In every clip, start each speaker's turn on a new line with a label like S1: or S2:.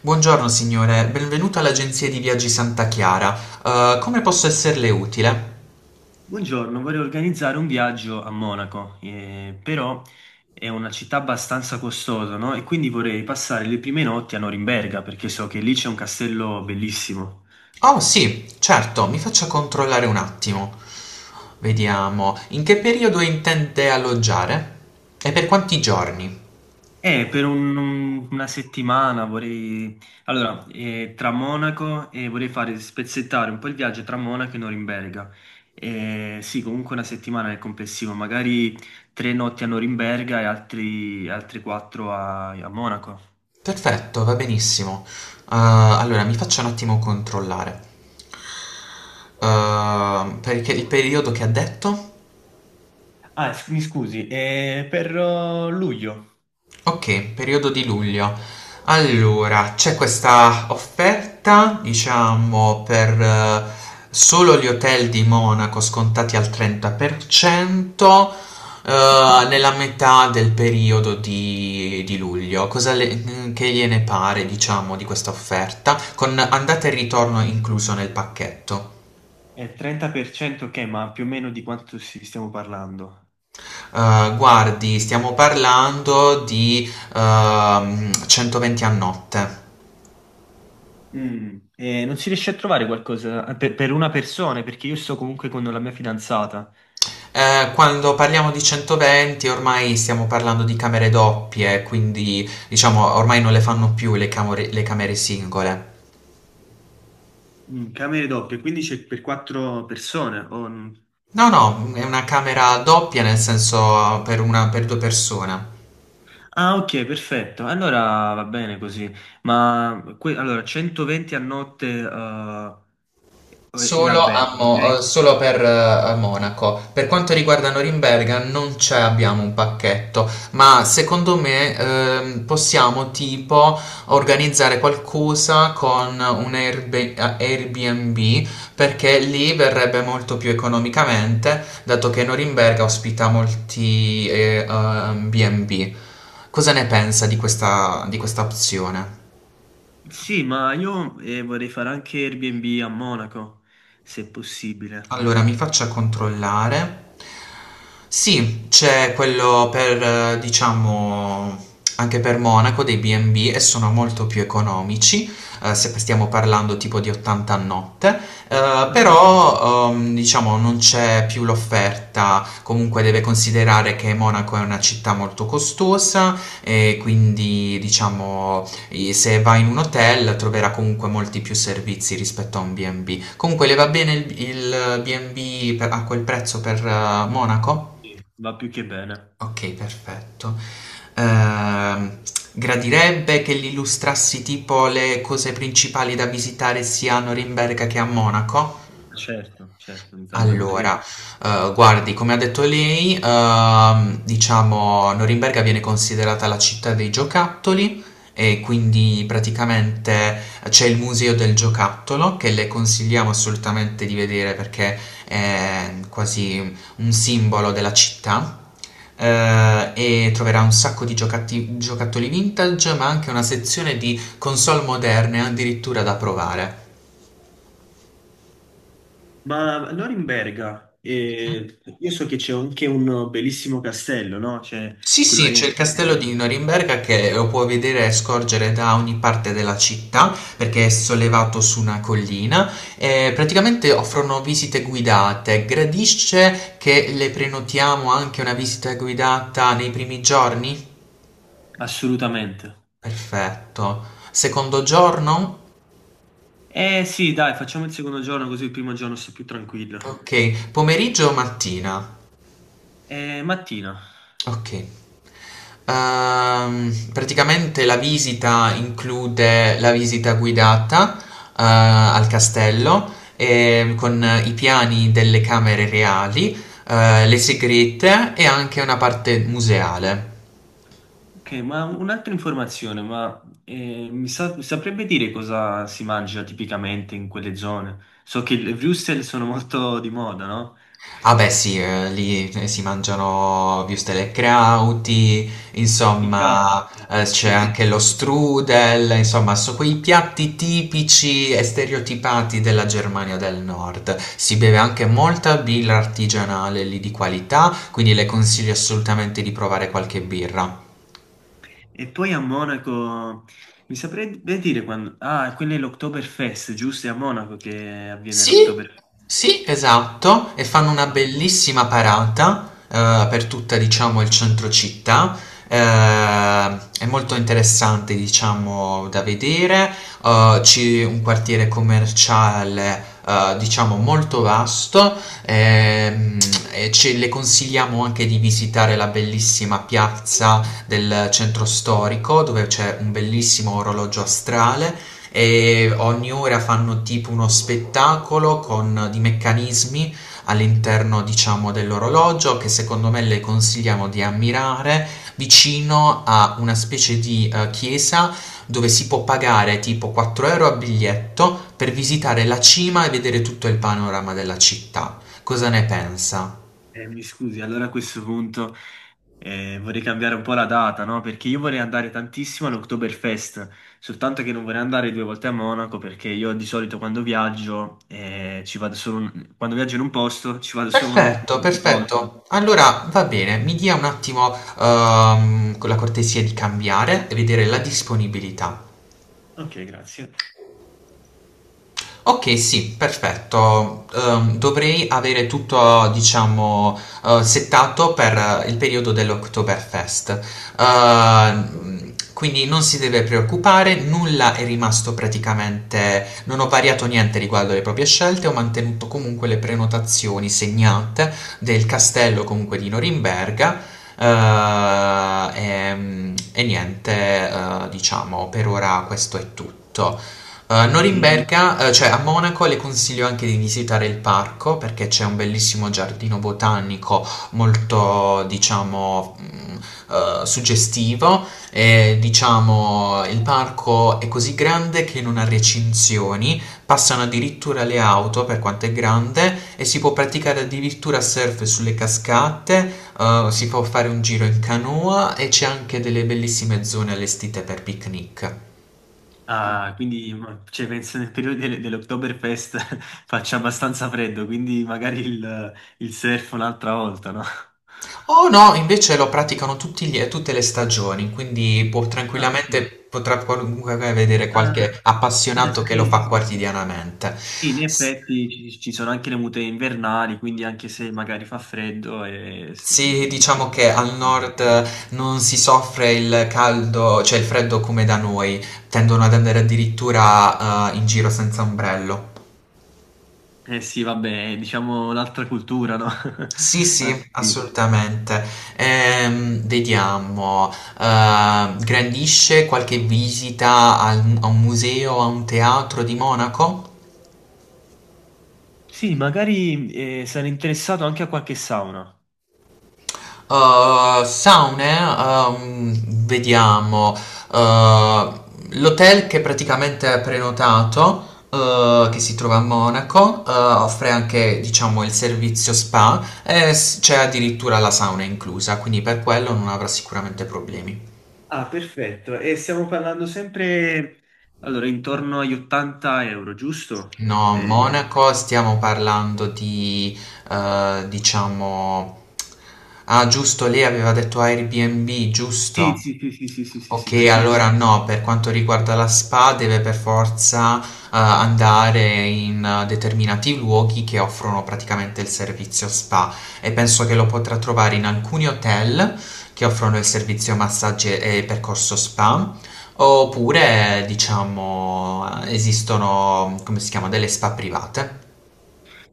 S1: Buongiorno signore, benvenuto all'agenzia di viaggi Santa Chiara. Come posso esserle utile?
S2: Buongiorno, vorrei organizzare un viaggio a Monaco, però è una città abbastanza costosa, no? E quindi vorrei passare le prime notti a Norimberga, perché so che lì c'è un castello bellissimo.
S1: Oh sì, certo, mi faccia controllare un attimo. Vediamo, in che periodo intende alloggiare? E per quanti giorni?
S2: E per una settimana vorrei... Allora, tra Monaco e vorrei fare spezzettare un po' il viaggio tra Monaco e Norimberga. Sì, comunque una settimana nel complessivo, magari tre notti a Norimberga e altre quattro a Monaco.
S1: Perfetto, va benissimo. Allora, mi faccia un attimo controllare. Perché il periodo che ha detto?
S2: Ah, mi scusi, è per luglio.
S1: Ok, periodo di luglio. Allora, c'è questa offerta, diciamo, per solo gli hotel di Monaco scontati al 30%, nella metà del periodo di luglio. Che gliene pare, diciamo, di questa offerta, con andata e ritorno incluso nel pacchetto?
S2: È 30%, ok, ma più o meno di quanto si stiamo parlando?
S1: Guardi, stiamo parlando di 120 euro a notte.
S2: Non si riesce a trovare qualcosa per una persona, perché io sto comunque con la mia fidanzata.
S1: Quando parliamo di 120 euro ormai stiamo parlando di camere doppie, quindi diciamo ormai non le fanno più le camere singole.
S2: Mm, camere doppie, quindi c'è per quattro persone.
S1: No, no, è una camera doppia nel senso per, una, per due persone.
S2: Ah, ok, perfetto. Allora va bene così. Ma allora 120 a notte è l'albergo, ok?
S1: Solo per Monaco. Per quanto riguarda Norimberga non c'è, abbiamo un pacchetto, ma secondo me possiamo tipo organizzare qualcosa con un Airbnb, perché lì verrebbe molto più economicamente, dato che Norimberga ospita molti B&B. Cosa ne pensa di questa opzione?
S2: Sì, ma io vorrei fare anche Airbnb a Monaco, se possibile.
S1: Allora, mi faccia controllare. Sì, c'è quello per, diciamo, anche per Monaco dei B&B e B e sono molto più economici, se stiamo parlando tipo di 80 euro a notte,
S2: Ah, ok.
S1: però, diciamo, non c'è più l'offerta, comunque deve considerare che Monaco è una città molto costosa e quindi, diciamo, e se va in un hotel troverà comunque molti più servizi rispetto a un B&B. Comunque le va bene il a quel prezzo per Monaco?
S2: Sì, va più che bene.
S1: Ok, perfetto. Ehm, Gradirebbe che gli illustrassi tipo le cose principali da visitare sia a Norimberga che a Monaco?
S2: Certo, certo, mi farebbe molto
S1: Allora,
S2: piacere.
S1: guardi, come ha detto lei, diciamo, Norimberga viene considerata la città dei giocattoli e quindi praticamente c'è il museo del giocattolo che le consigliamo assolutamente di vedere, perché è quasi un simbolo della città. E troverà un sacco di giocattoli vintage, ma anche una sezione di console moderne addirittura da provare.
S2: Ma Norimberga, io so che c'è anche un bellissimo castello, no? C'è
S1: Sì,
S2: quello,
S1: sì, c'è il castello di Norimberga che lo puoi vedere e scorgere da ogni parte della città perché è sollevato su una collina e praticamente offrono visite guidate. Gradisce che le prenotiamo anche una visita guidata nei primi giorni?
S2: assolutamente.
S1: Perfetto. Secondo giorno?
S2: Eh sì, dai, facciamo il secondo giorno così il primo giorno sto più tranquillo.
S1: Ok. Pomeriggio o mattina?
S2: Mattina.
S1: Ok. Praticamente la visita include la visita guidata, al castello, con i piani delle camere reali, le segrete e anche una parte museale.
S2: Ok, ma un'altra informazione, ma saprebbe dire cosa si mangia tipicamente in quelle zone? So che le wurstel sono molto di moda, no?
S1: Ah beh sì, lì si mangiano würstel e krauti,
S2: I
S1: insomma,
S2: krauti,
S1: c'è
S2: sì, sì.
S1: anche lo strudel, insomma sono quei piatti tipici e stereotipati della Germania del Nord. Si beve anche molta birra artigianale lì di qualità, quindi le consiglio assolutamente di provare qualche birra.
S2: E poi a Monaco, mi saprebbe dire quando... Ah, quello è l'Oktoberfest, giusto? È a Monaco che avviene
S1: Sì,
S2: l'Oktoberfest.
S1: sì, esatto, e fanno una
S2: Ah.
S1: bellissima parata per tutta, diciamo, il centro città. È molto interessante, diciamo, da vedere. C'è un quartiere commerciale, diciamo, molto vasto. ehm, e ce le consigliamo anche di visitare la bellissima piazza del centro storico, dove c'è un bellissimo orologio astrale e ogni ora fanno tipo uno spettacolo con di meccanismi all'interno, diciamo, dell'orologio, che secondo me le consigliamo di ammirare vicino a una specie di chiesa, dove si può pagare tipo 4 euro a biglietto per visitare la cima e vedere tutto il panorama della città. Cosa ne pensa?
S2: Mi scusi, allora a questo punto vorrei cambiare un po' la data, no? Perché io vorrei andare tantissimo all'Oktoberfest, soltanto che non vorrei andare due volte a Monaco perché io di solito quando viaggio ci vado solo quando viaggio in un posto ci vado solo
S1: Perfetto,
S2: una volta.
S1: perfetto. Allora va bene, mi dia un attimo con la cortesia di cambiare e vedere la disponibilità.
S2: Ok, grazie.
S1: Ok, sì, perfetto. Dovrei avere tutto, diciamo, settato per il periodo dell'Oktoberfest. Quindi non si deve preoccupare, nulla è rimasto praticamente, non ho variato niente riguardo alle proprie scelte, ho mantenuto comunque le prenotazioni segnate del castello comunque di Norimberga. E niente, diciamo, per ora questo è tutto. A
S2: E-
S1: Norimberga, cioè a Monaco, le consiglio anche di visitare il parco perché c'è un bellissimo giardino botanico molto, diciamo, suggestivo, e diciamo il parco è così grande che non ha recinzioni, passano addirittura le auto per quanto è grande, e si può praticare addirittura surf sulle cascate, si può fare un giro in canoa e c'è anche delle bellissime zone allestite per picnic.
S2: ah, quindi cioè, penso nel periodo dell'Oktoberfest faccia abbastanza freddo, quindi magari il surf un'altra volta, no?
S1: Oh no, invece lo praticano tutte le stagioni, quindi può
S2: Ah,
S1: tranquillamente,
S2: ok.
S1: potrà comunque vedere
S2: Ah,
S1: qualche
S2: ah,
S1: appassionato che lo
S2: sì,
S1: fa
S2: sì,
S1: quotidianamente.
S2: sì, in
S1: S-
S2: effetti ci sono anche le mute invernali, quindi anche se magari fa freddo
S1: Sì, diciamo che al nord non si soffre il caldo, cioè il freddo come da noi, tendono ad andare addirittura in giro senza ombrello.
S2: eh sì, vabbè, diciamo un'altra cultura, no?
S1: Sì, sì,
S2: Altri-
S1: assolutamente. Vediamo, grandisce qualche visita a un museo, a un teatro di Monaco?
S2: Sì, magari sarei interessato anche a qualche sauna.
S1: Saune, vediamo, eh, l'hotel che praticamente è prenotato, che si trova a Monaco, offre anche, diciamo, il servizio spa e c'è addirittura la sauna inclusa, quindi per quello non avrà sicuramente problemi.
S2: Ah, perfetto. E stiamo parlando sempre, allora, intorno agli 80 euro, giusto?
S1: No,
S2: Eh,
S1: Monaco stiamo parlando di, diciamo... Ah, giusto, lei aveva detto Airbnb,
S2: sì,
S1: giusto?
S2: sì, sì, sì, sì, sì, sì, sì,
S1: Ok,
S2: per questo.
S1: allora no, per quanto riguarda la spa deve per forza andare in determinati luoghi che offrono praticamente il servizio spa, e penso che lo potrà trovare in alcuni hotel che offrono il servizio massaggi e percorso spa, oppure diciamo esistono, come si chiama, delle spa private.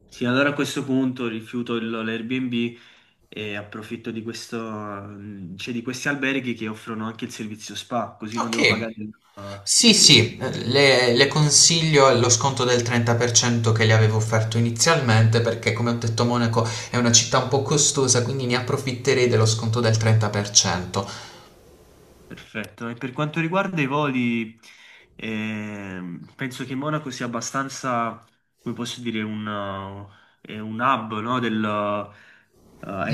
S2: Sì, allora a questo punto rifiuto l'Airbnb e approfitto di questo, cioè di questi alberghi che offrono anche il servizio spa, così non devo pagare
S1: Ok. Sì, sì, le consiglio lo sconto del 30% che le avevo offerto inizialmente, perché, come ho detto, Monaco è una città un po' costosa, quindi ne approfitterei dello sconto del 30%.
S2: perfetto. E per quanto riguarda i voli, penso che Monaco sia abbastanza, come posso dire, è un hub, no,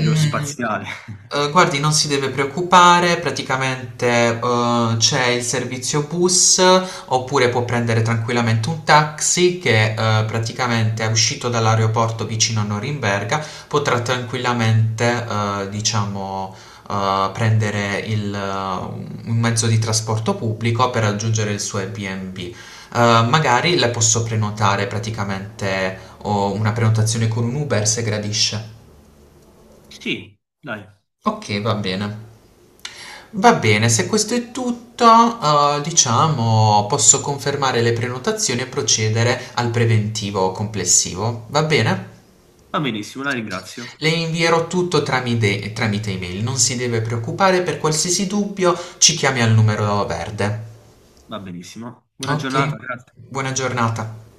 S1: Mm, guardi, non si deve preoccupare, praticamente c'è il servizio bus, oppure può prendere tranquillamente un taxi, che praticamente è uscito dall'aeroporto vicino a Norimberga, potrà tranquillamente, diciamo, prendere un mezzo di trasporto pubblico per raggiungere il suo Airbnb. Magari le posso prenotare praticamente o una prenotazione con un Uber se gradisce.
S2: Sì, dai.
S1: Ok, va bene. Va bene, se questo è tutto, diciamo, posso confermare le prenotazioni e procedere al preventivo complessivo. Va bene?
S2: Va benissimo, la ringrazio.
S1: Le invierò tutto tramite email, non si deve preoccupare, per qualsiasi dubbio ci chiami al numero verde.
S2: Va benissimo. Buona giornata,
S1: Ok,
S2: grazie.
S1: buona giornata.